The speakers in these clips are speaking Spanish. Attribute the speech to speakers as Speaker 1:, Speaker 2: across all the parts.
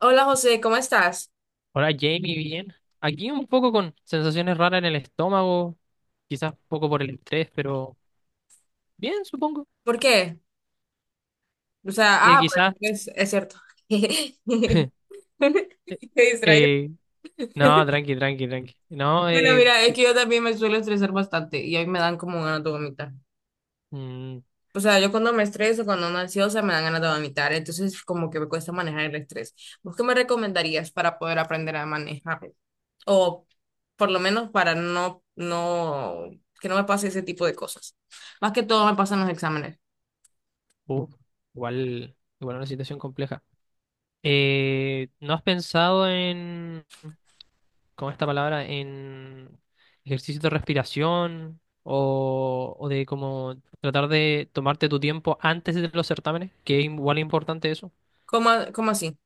Speaker 1: Hola José, ¿cómo estás?
Speaker 2: Hola Jamie, bien. Aquí un poco con sensaciones raras en el estómago, quizás un poco por el estrés, pero bien, supongo.
Speaker 1: ¿Por qué? O sea, ah, pues
Speaker 2: Quizás.
Speaker 1: es cierto. Me
Speaker 2: eh,
Speaker 1: distraigo.
Speaker 2: eh, no, tranqui, tranqui, tranqui. No,
Speaker 1: Bueno, mira, es
Speaker 2: que-
Speaker 1: que yo también me suelo estresar bastante y hoy me dan como ganas de vomitar.
Speaker 2: mm,
Speaker 1: O sea, yo cuando me estreso, cuando ando ansiosa, me dan ganas de vomitar. Entonces, como que me cuesta manejar el estrés. ¿Vos qué me recomendarías para poder aprender a manejar? O por lo menos para que no me pase ese tipo de cosas. Más que todo me pasan los exámenes.
Speaker 2: uh, Igual, igual una situación compleja. ¿No has pensado en, con esta palabra, en ejercicios de respiración o de como tratar de tomarte tu tiempo antes de los certámenes? Que es igual importante eso.
Speaker 1: ¿Cómo, cómo así?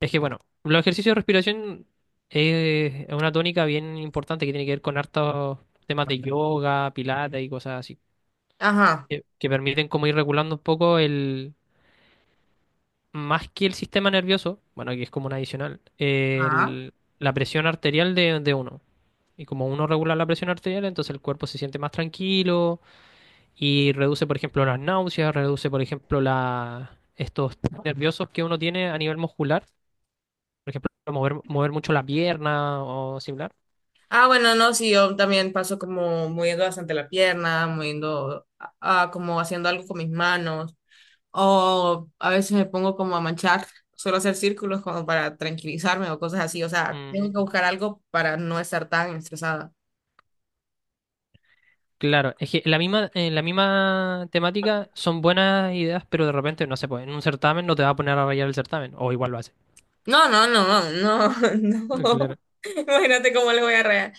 Speaker 2: Es que bueno, los ejercicios de respiración es una tónica bien importante que tiene que ver con hartos temas de yoga, pilates y cosas así,
Speaker 1: Ajá.
Speaker 2: que permiten como ir regulando un poco el, más que el sistema nervioso, bueno, que es como un adicional,
Speaker 1: Ajá.
Speaker 2: la presión arterial de uno. Y como uno regula la presión arterial, entonces el cuerpo se siente más tranquilo y reduce, por ejemplo, las náuseas, reduce, por ejemplo, estos nerviosos que uno tiene a nivel muscular. Por ejemplo, mover mucho la pierna o similar.
Speaker 1: Ah, bueno, no, sí, yo también paso como moviendo bastante la pierna, moviendo, como haciendo algo con mis manos, o a veces me pongo como a manchar, suelo hacer círculos como para tranquilizarme o cosas así, o sea, tengo que
Speaker 2: Mm,
Speaker 1: buscar algo para no estar tan estresada.
Speaker 2: claro, es que en la misma temática son buenas ideas, pero de repente no se puede. En un certamen no te va a poner a rayar el certamen, o igual lo hace.
Speaker 1: No, no, no, no, no,
Speaker 2: Claro,
Speaker 1: imagínate cómo le voy a rear,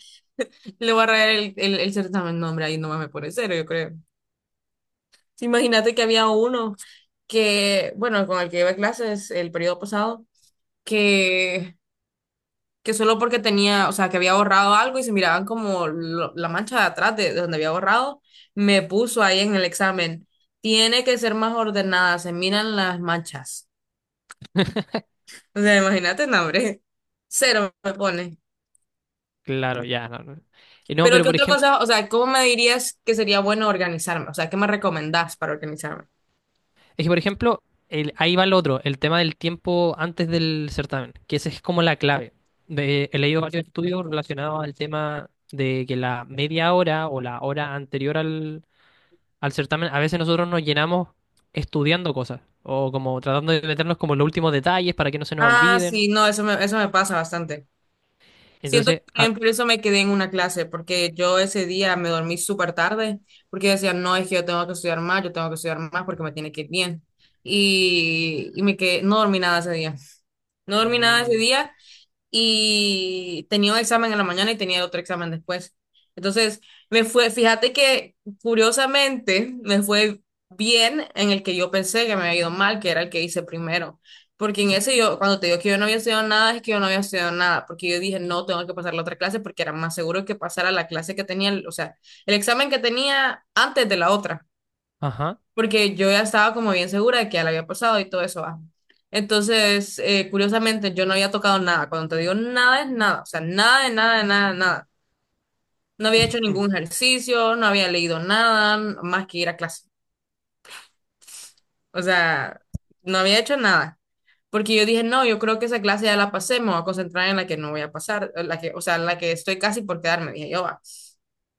Speaker 1: le voy a rear el certamen, no, hombre, ahí nomás me pone cero, yo creo. Sí, imagínate que había uno que, bueno, con el que iba a clases el periodo pasado, que... que solo porque tenía, o sea, que había borrado algo y se miraban como la mancha de atrás de donde había borrado, me puso ahí en el examen. Tiene que ser más ordenada, se miran las manchas. O sea, imagínate, no, hombre. Cero me pone.
Speaker 2: claro, ya. No, no. No,
Speaker 1: Pero
Speaker 2: pero
Speaker 1: ¿qué
Speaker 2: por
Speaker 1: otra
Speaker 2: ejemplo,
Speaker 1: cosa? O sea, ¿cómo me dirías que sería bueno organizarme? O sea, ¿qué me recomendás para organizarme?
Speaker 2: es que por ejemplo, ahí va el otro, el tema del tiempo antes del certamen, que esa es como la clave. He leído varios estudios relacionados al tema de que la media hora o la hora anterior al certamen, a veces nosotros nos llenamos estudiando cosas o como tratando de meternos como en los últimos detalles para que no se nos
Speaker 1: Ah,
Speaker 2: olviden.
Speaker 1: sí, no, eso me pasa bastante. Siento que
Speaker 2: Entonces,
Speaker 1: también por eso me quedé en una clase, porque yo ese día me dormí súper tarde, porque yo decía, no, es que yo tengo que estudiar más, yo tengo que estudiar más porque me tiene que ir bien. Y me quedé, no dormí nada ese día. No dormí nada ese
Speaker 2: mm,
Speaker 1: día y tenía un examen en la mañana y tenía otro examen después. Entonces, me fue, fíjate que curiosamente me fue bien en el que yo pensé que me había ido mal, que era el que hice primero. Porque en ese yo, cuando te digo que yo no había estudiado nada, es que yo no había estudiado nada, porque yo dije, no, tengo que pasar la otra clase porque era más seguro que pasara la clase que tenía, o sea, el examen que tenía antes de la otra
Speaker 2: ajá,
Speaker 1: porque yo ya estaba como bien segura de que ya la había pasado y todo eso va. Entonces, curiosamente, yo no había tocado nada. Cuando te digo nada es nada, o sea, nada de nada, de nada, de nada. No había hecho
Speaker 2: mm,
Speaker 1: ningún ejercicio, no había leído nada más que ir a clase. O sea, no había hecho nada. Porque yo dije, no, yo creo que esa clase ya la pasé, me voy a concentrar en la que no voy a pasar, en la que, o sea, en la que estoy casi por quedarme, dije yo, va.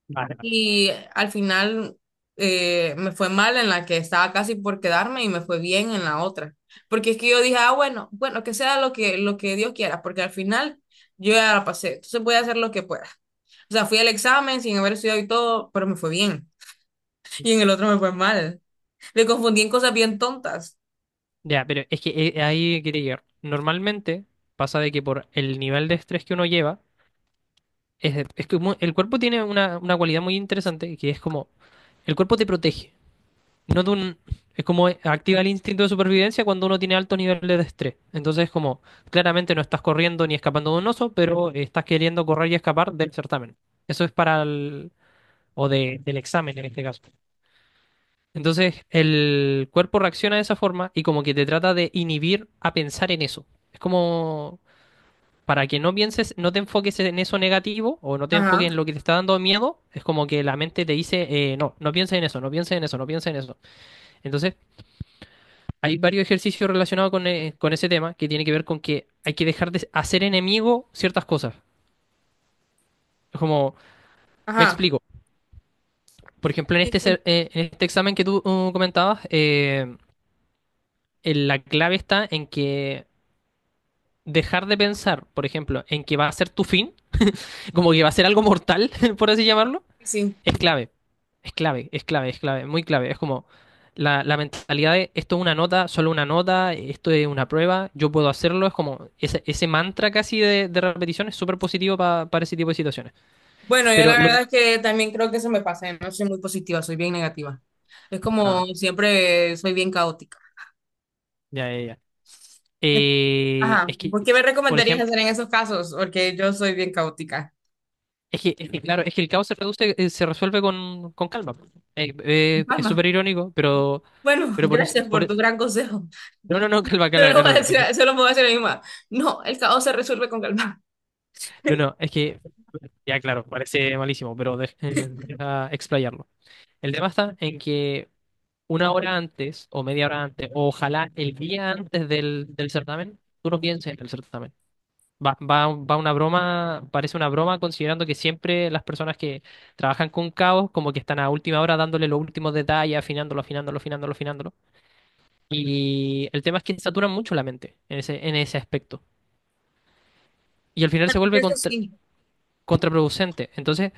Speaker 2: vale, vale.
Speaker 1: Y al final me fue mal en la que estaba casi por quedarme y me fue bien en la otra. Porque es que yo dije, ah, bueno, que sea lo que Dios quiera, porque al final yo ya la pasé, entonces voy a hacer lo que pueda. O sea, fui al examen sin haber estudiado y todo, pero me fue bien. Y en el otro me fue mal. Me confundí en cosas bien tontas.
Speaker 2: Ya, pero es que ahí quería llegar. Normalmente pasa de que por el nivel de estrés que uno lleva, es que el cuerpo tiene una cualidad muy interesante que es como el cuerpo te protege. No de un, Es como activa el instinto de supervivencia cuando uno tiene altos niveles de estrés. Entonces es como, claramente no estás corriendo ni escapando de un oso, pero estás queriendo correr y escapar del certamen. Eso es para el, del examen en este caso. Entonces el cuerpo reacciona de esa forma y como que te trata de inhibir a pensar en eso. Es como para que no pienses, no te enfoques en eso negativo o no te enfoques en
Speaker 1: Ajá,
Speaker 2: lo que te está dando miedo, es como que la mente te dice, no, no pienses en eso, no pienses en eso, no pienses en eso. Entonces, hay varios ejercicios relacionados con ese tema que tiene que ver con que hay que dejar de hacer enemigo ciertas cosas. Es como, me
Speaker 1: ajá.
Speaker 2: explico. Por ejemplo, en
Speaker 1: Sí,
Speaker 2: este,
Speaker 1: sí,
Speaker 2: en este examen que tú comentabas, en la clave está en que dejar de pensar, por ejemplo, en que va a ser tu fin, como que va a ser algo mortal, por así llamarlo.
Speaker 1: sí. Sí.
Speaker 2: Es clave, es clave, es clave, es clave, muy clave. Es como la mentalidad de esto es una nota, solo una nota, esto es una prueba, yo puedo hacerlo. Es como ese mantra casi de repetición es súper positivo para ese tipo de situaciones.
Speaker 1: Bueno, yo la
Speaker 2: Pero lo
Speaker 1: verdad
Speaker 2: de-
Speaker 1: es que también creo que se me pasa, ¿eh? No soy muy positiva, soy bien negativa. Es
Speaker 2: ah,
Speaker 1: como siempre soy bien caótica.
Speaker 2: ya, ya, ya. Eh,
Speaker 1: Ajá,
Speaker 2: es que,
Speaker 1: ¿por qué me
Speaker 2: por
Speaker 1: recomendarías
Speaker 2: ejemplo,
Speaker 1: hacer en esos casos? Porque yo soy bien caótica.
Speaker 2: es que, claro, es que el caos se reduce, se resuelve con calma. Es
Speaker 1: Palma.
Speaker 2: súper irónico,
Speaker 1: Bueno,
Speaker 2: pero por eso,
Speaker 1: gracias por tu gran consejo.
Speaker 2: no, no, no, calma,
Speaker 1: Solo
Speaker 2: calma,
Speaker 1: lo
Speaker 2: no,
Speaker 1: voy a
Speaker 2: no.
Speaker 1: decir, solo me voy a decir a mi mamá. No, el caos se resuelve con calma.
Speaker 2: No, no, ya claro, parece malísimo, pero deja explayarlo. El tema está en que una hora antes o media hora antes, o ojalá el día antes del certamen, tú no pienses en el certamen. Va, va, va una broma, parece una broma considerando que siempre las personas que trabajan con caos como que están a última hora dándole los últimos detalles, afinándolo, afinándolo, afinándolo, afinándolo. Y el tema es que saturan mucho la mente en ese aspecto. Y al final se
Speaker 1: Bueno,
Speaker 2: vuelve
Speaker 1: eso sí.
Speaker 2: contraproducente. Entonces,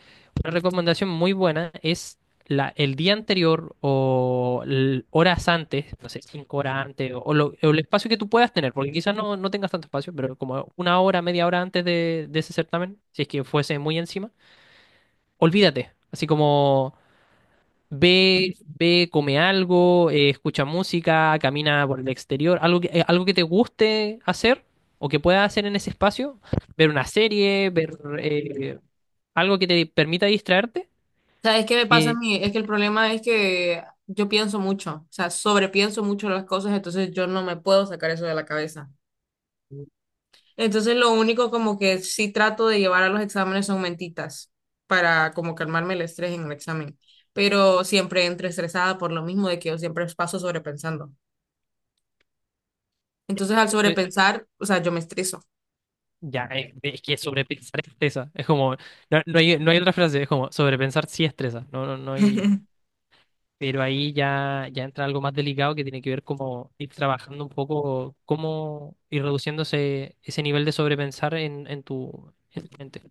Speaker 2: una recomendación muy buena es el día anterior o horas antes, no sé, cinco horas antes, o o el espacio que tú puedas tener, porque quizás no, no tengas tanto espacio, pero como una hora, media hora antes de ese certamen, si es que fuese muy encima, olvídate. Así como ve, ve, come algo, escucha música, camina por el exterior, algo que te guste hacer o que puedas hacer en ese espacio, ver una serie, ver algo que te permita distraerte.
Speaker 1: ¿Sabes qué me pasa a
Speaker 2: eh,
Speaker 1: mí? Es que el problema es que yo pienso mucho, o sea, sobrepienso mucho las cosas, entonces yo no me puedo sacar eso de la cabeza. Entonces lo único como que sí trato de llevar a los exámenes son mentitas para como calmarme el estrés en el examen, pero siempre entro estresada por lo mismo de que yo siempre paso sobrepensando. Entonces al
Speaker 2: eh,
Speaker 1: sobrepensar, o sea, yo me estreso.
Speaker 2: ya, es que sobrepensar estresa, es como, no, no hay, no hay otra frase, es como sobrepensar sí estresa, no, no, no hay... Pero ahí ya, ya entra algo más delicado que tiene que ver como ir trabajando un poco, cómo ir reduciéndose ese nivel de sobrepensar en, en tu mente.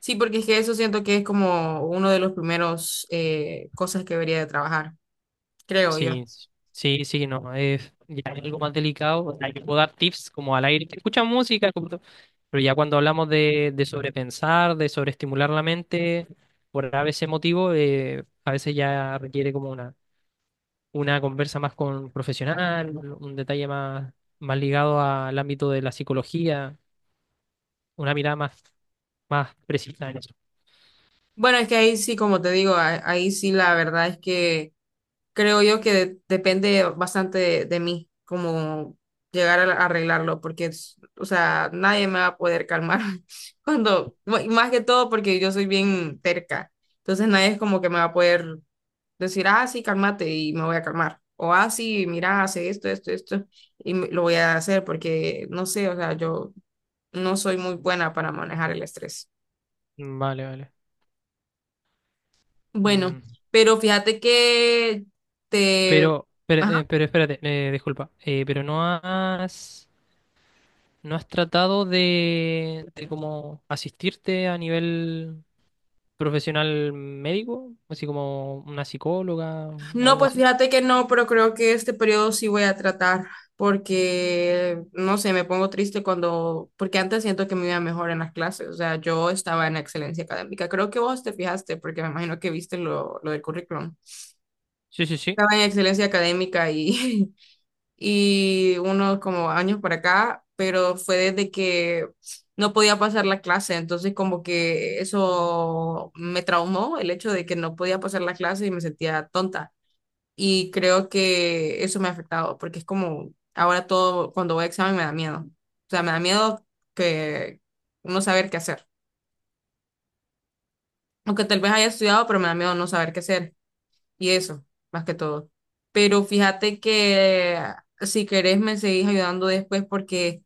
Speaker 1: Sí, porque es que eso siento que es como uno de los primeros cosas que debería de trabajar, creo yo.
Speaker 2: Sí, sí, sí, no, es ya es algo más delicado. O sea, yo puedo dar tips como al aire, escucha música, pero ya cuando hablamos de sobrepensar, de sobreestimular la mente, por a veces motivo, a veces ya requiere como una conversa más con un profesional, un detalle más, más ligado al ámbito de la psicología, una mirada más, más precisa en eso.
Speaker 1: Bueno, es que ahí sí, como te digo, ahí sí la verdad es que creo yo que depende bastante de mí, como llegar a arreglarlo, porque, o sea, nadie me va a poder calmar cuando, y más que todo porque yo soy bien terca, entonces nadie es como que me va a poder decir, ah, sí, cálmate y me voy a calmar, o ah, sí, mira, hace esto, esto, esto, lo voy a hacer porque, no sé, o sea, yo no soy muy buena para manejar el estrés.
Speaker 2: Mm, vale, vale.
Speaker 1: Bueno,
Speaker 2: Mm,
Speaker 1: pero fíjate que te...
Speaker 2: pero espérate, disculpa, pero no has, no has tratado de como asistirte a nivel profesional médico, así como una psicóloga o
Speaker 1: No,
Speaker 2: algo
Speaker 1: pues
Speaker 2: así.
Speaker 1: fíjate que no, pero creo que este periodo sí voy a tratar porque, no sé, me pongo triste cuando, porque antes siento que me iba mejor en las clases, o sea, yo estaba en excelencia académica, creo que vos te fijaste porque me imagino que viste lo del currículum.
Speaker 2: Sí, sí, sí.
Speaker 1: Estaba en excelencia académica y, y unos como años por acá, pero fue desde que no podía pasar la clase, entonces como que eso me traumó, el hecho de que no podía pasar la clase y me sentía tonta y creo que eso me ha afectado porque es como ahora todo, cuando voy a examen me da miedo. O sea, me da miedo que no saber qué hacer. Aunque tal vez haya estudiado, pero me da miedo no saber qué hacer. Y eso, más que todo. Pero fíjate que si querés me seguís ayudando después porque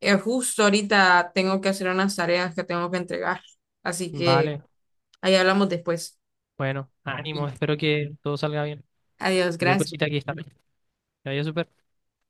Speaker 1: justo ahorita tengo que hacer unas tareas que tengo que entregar. Así que
Speaker 2: Vale,
Speaker 1: ahí hablamos después.
Speaker 2: bueno,
Speaker 1: Sí.
Speaker 2: ánimo, espero que todo salga bien.
Speaker 1: Adiós,
Speaker 2: Cualquier
Speaker 1: gracias.
Speaker 2: cosita aquí está. Que vaya súper.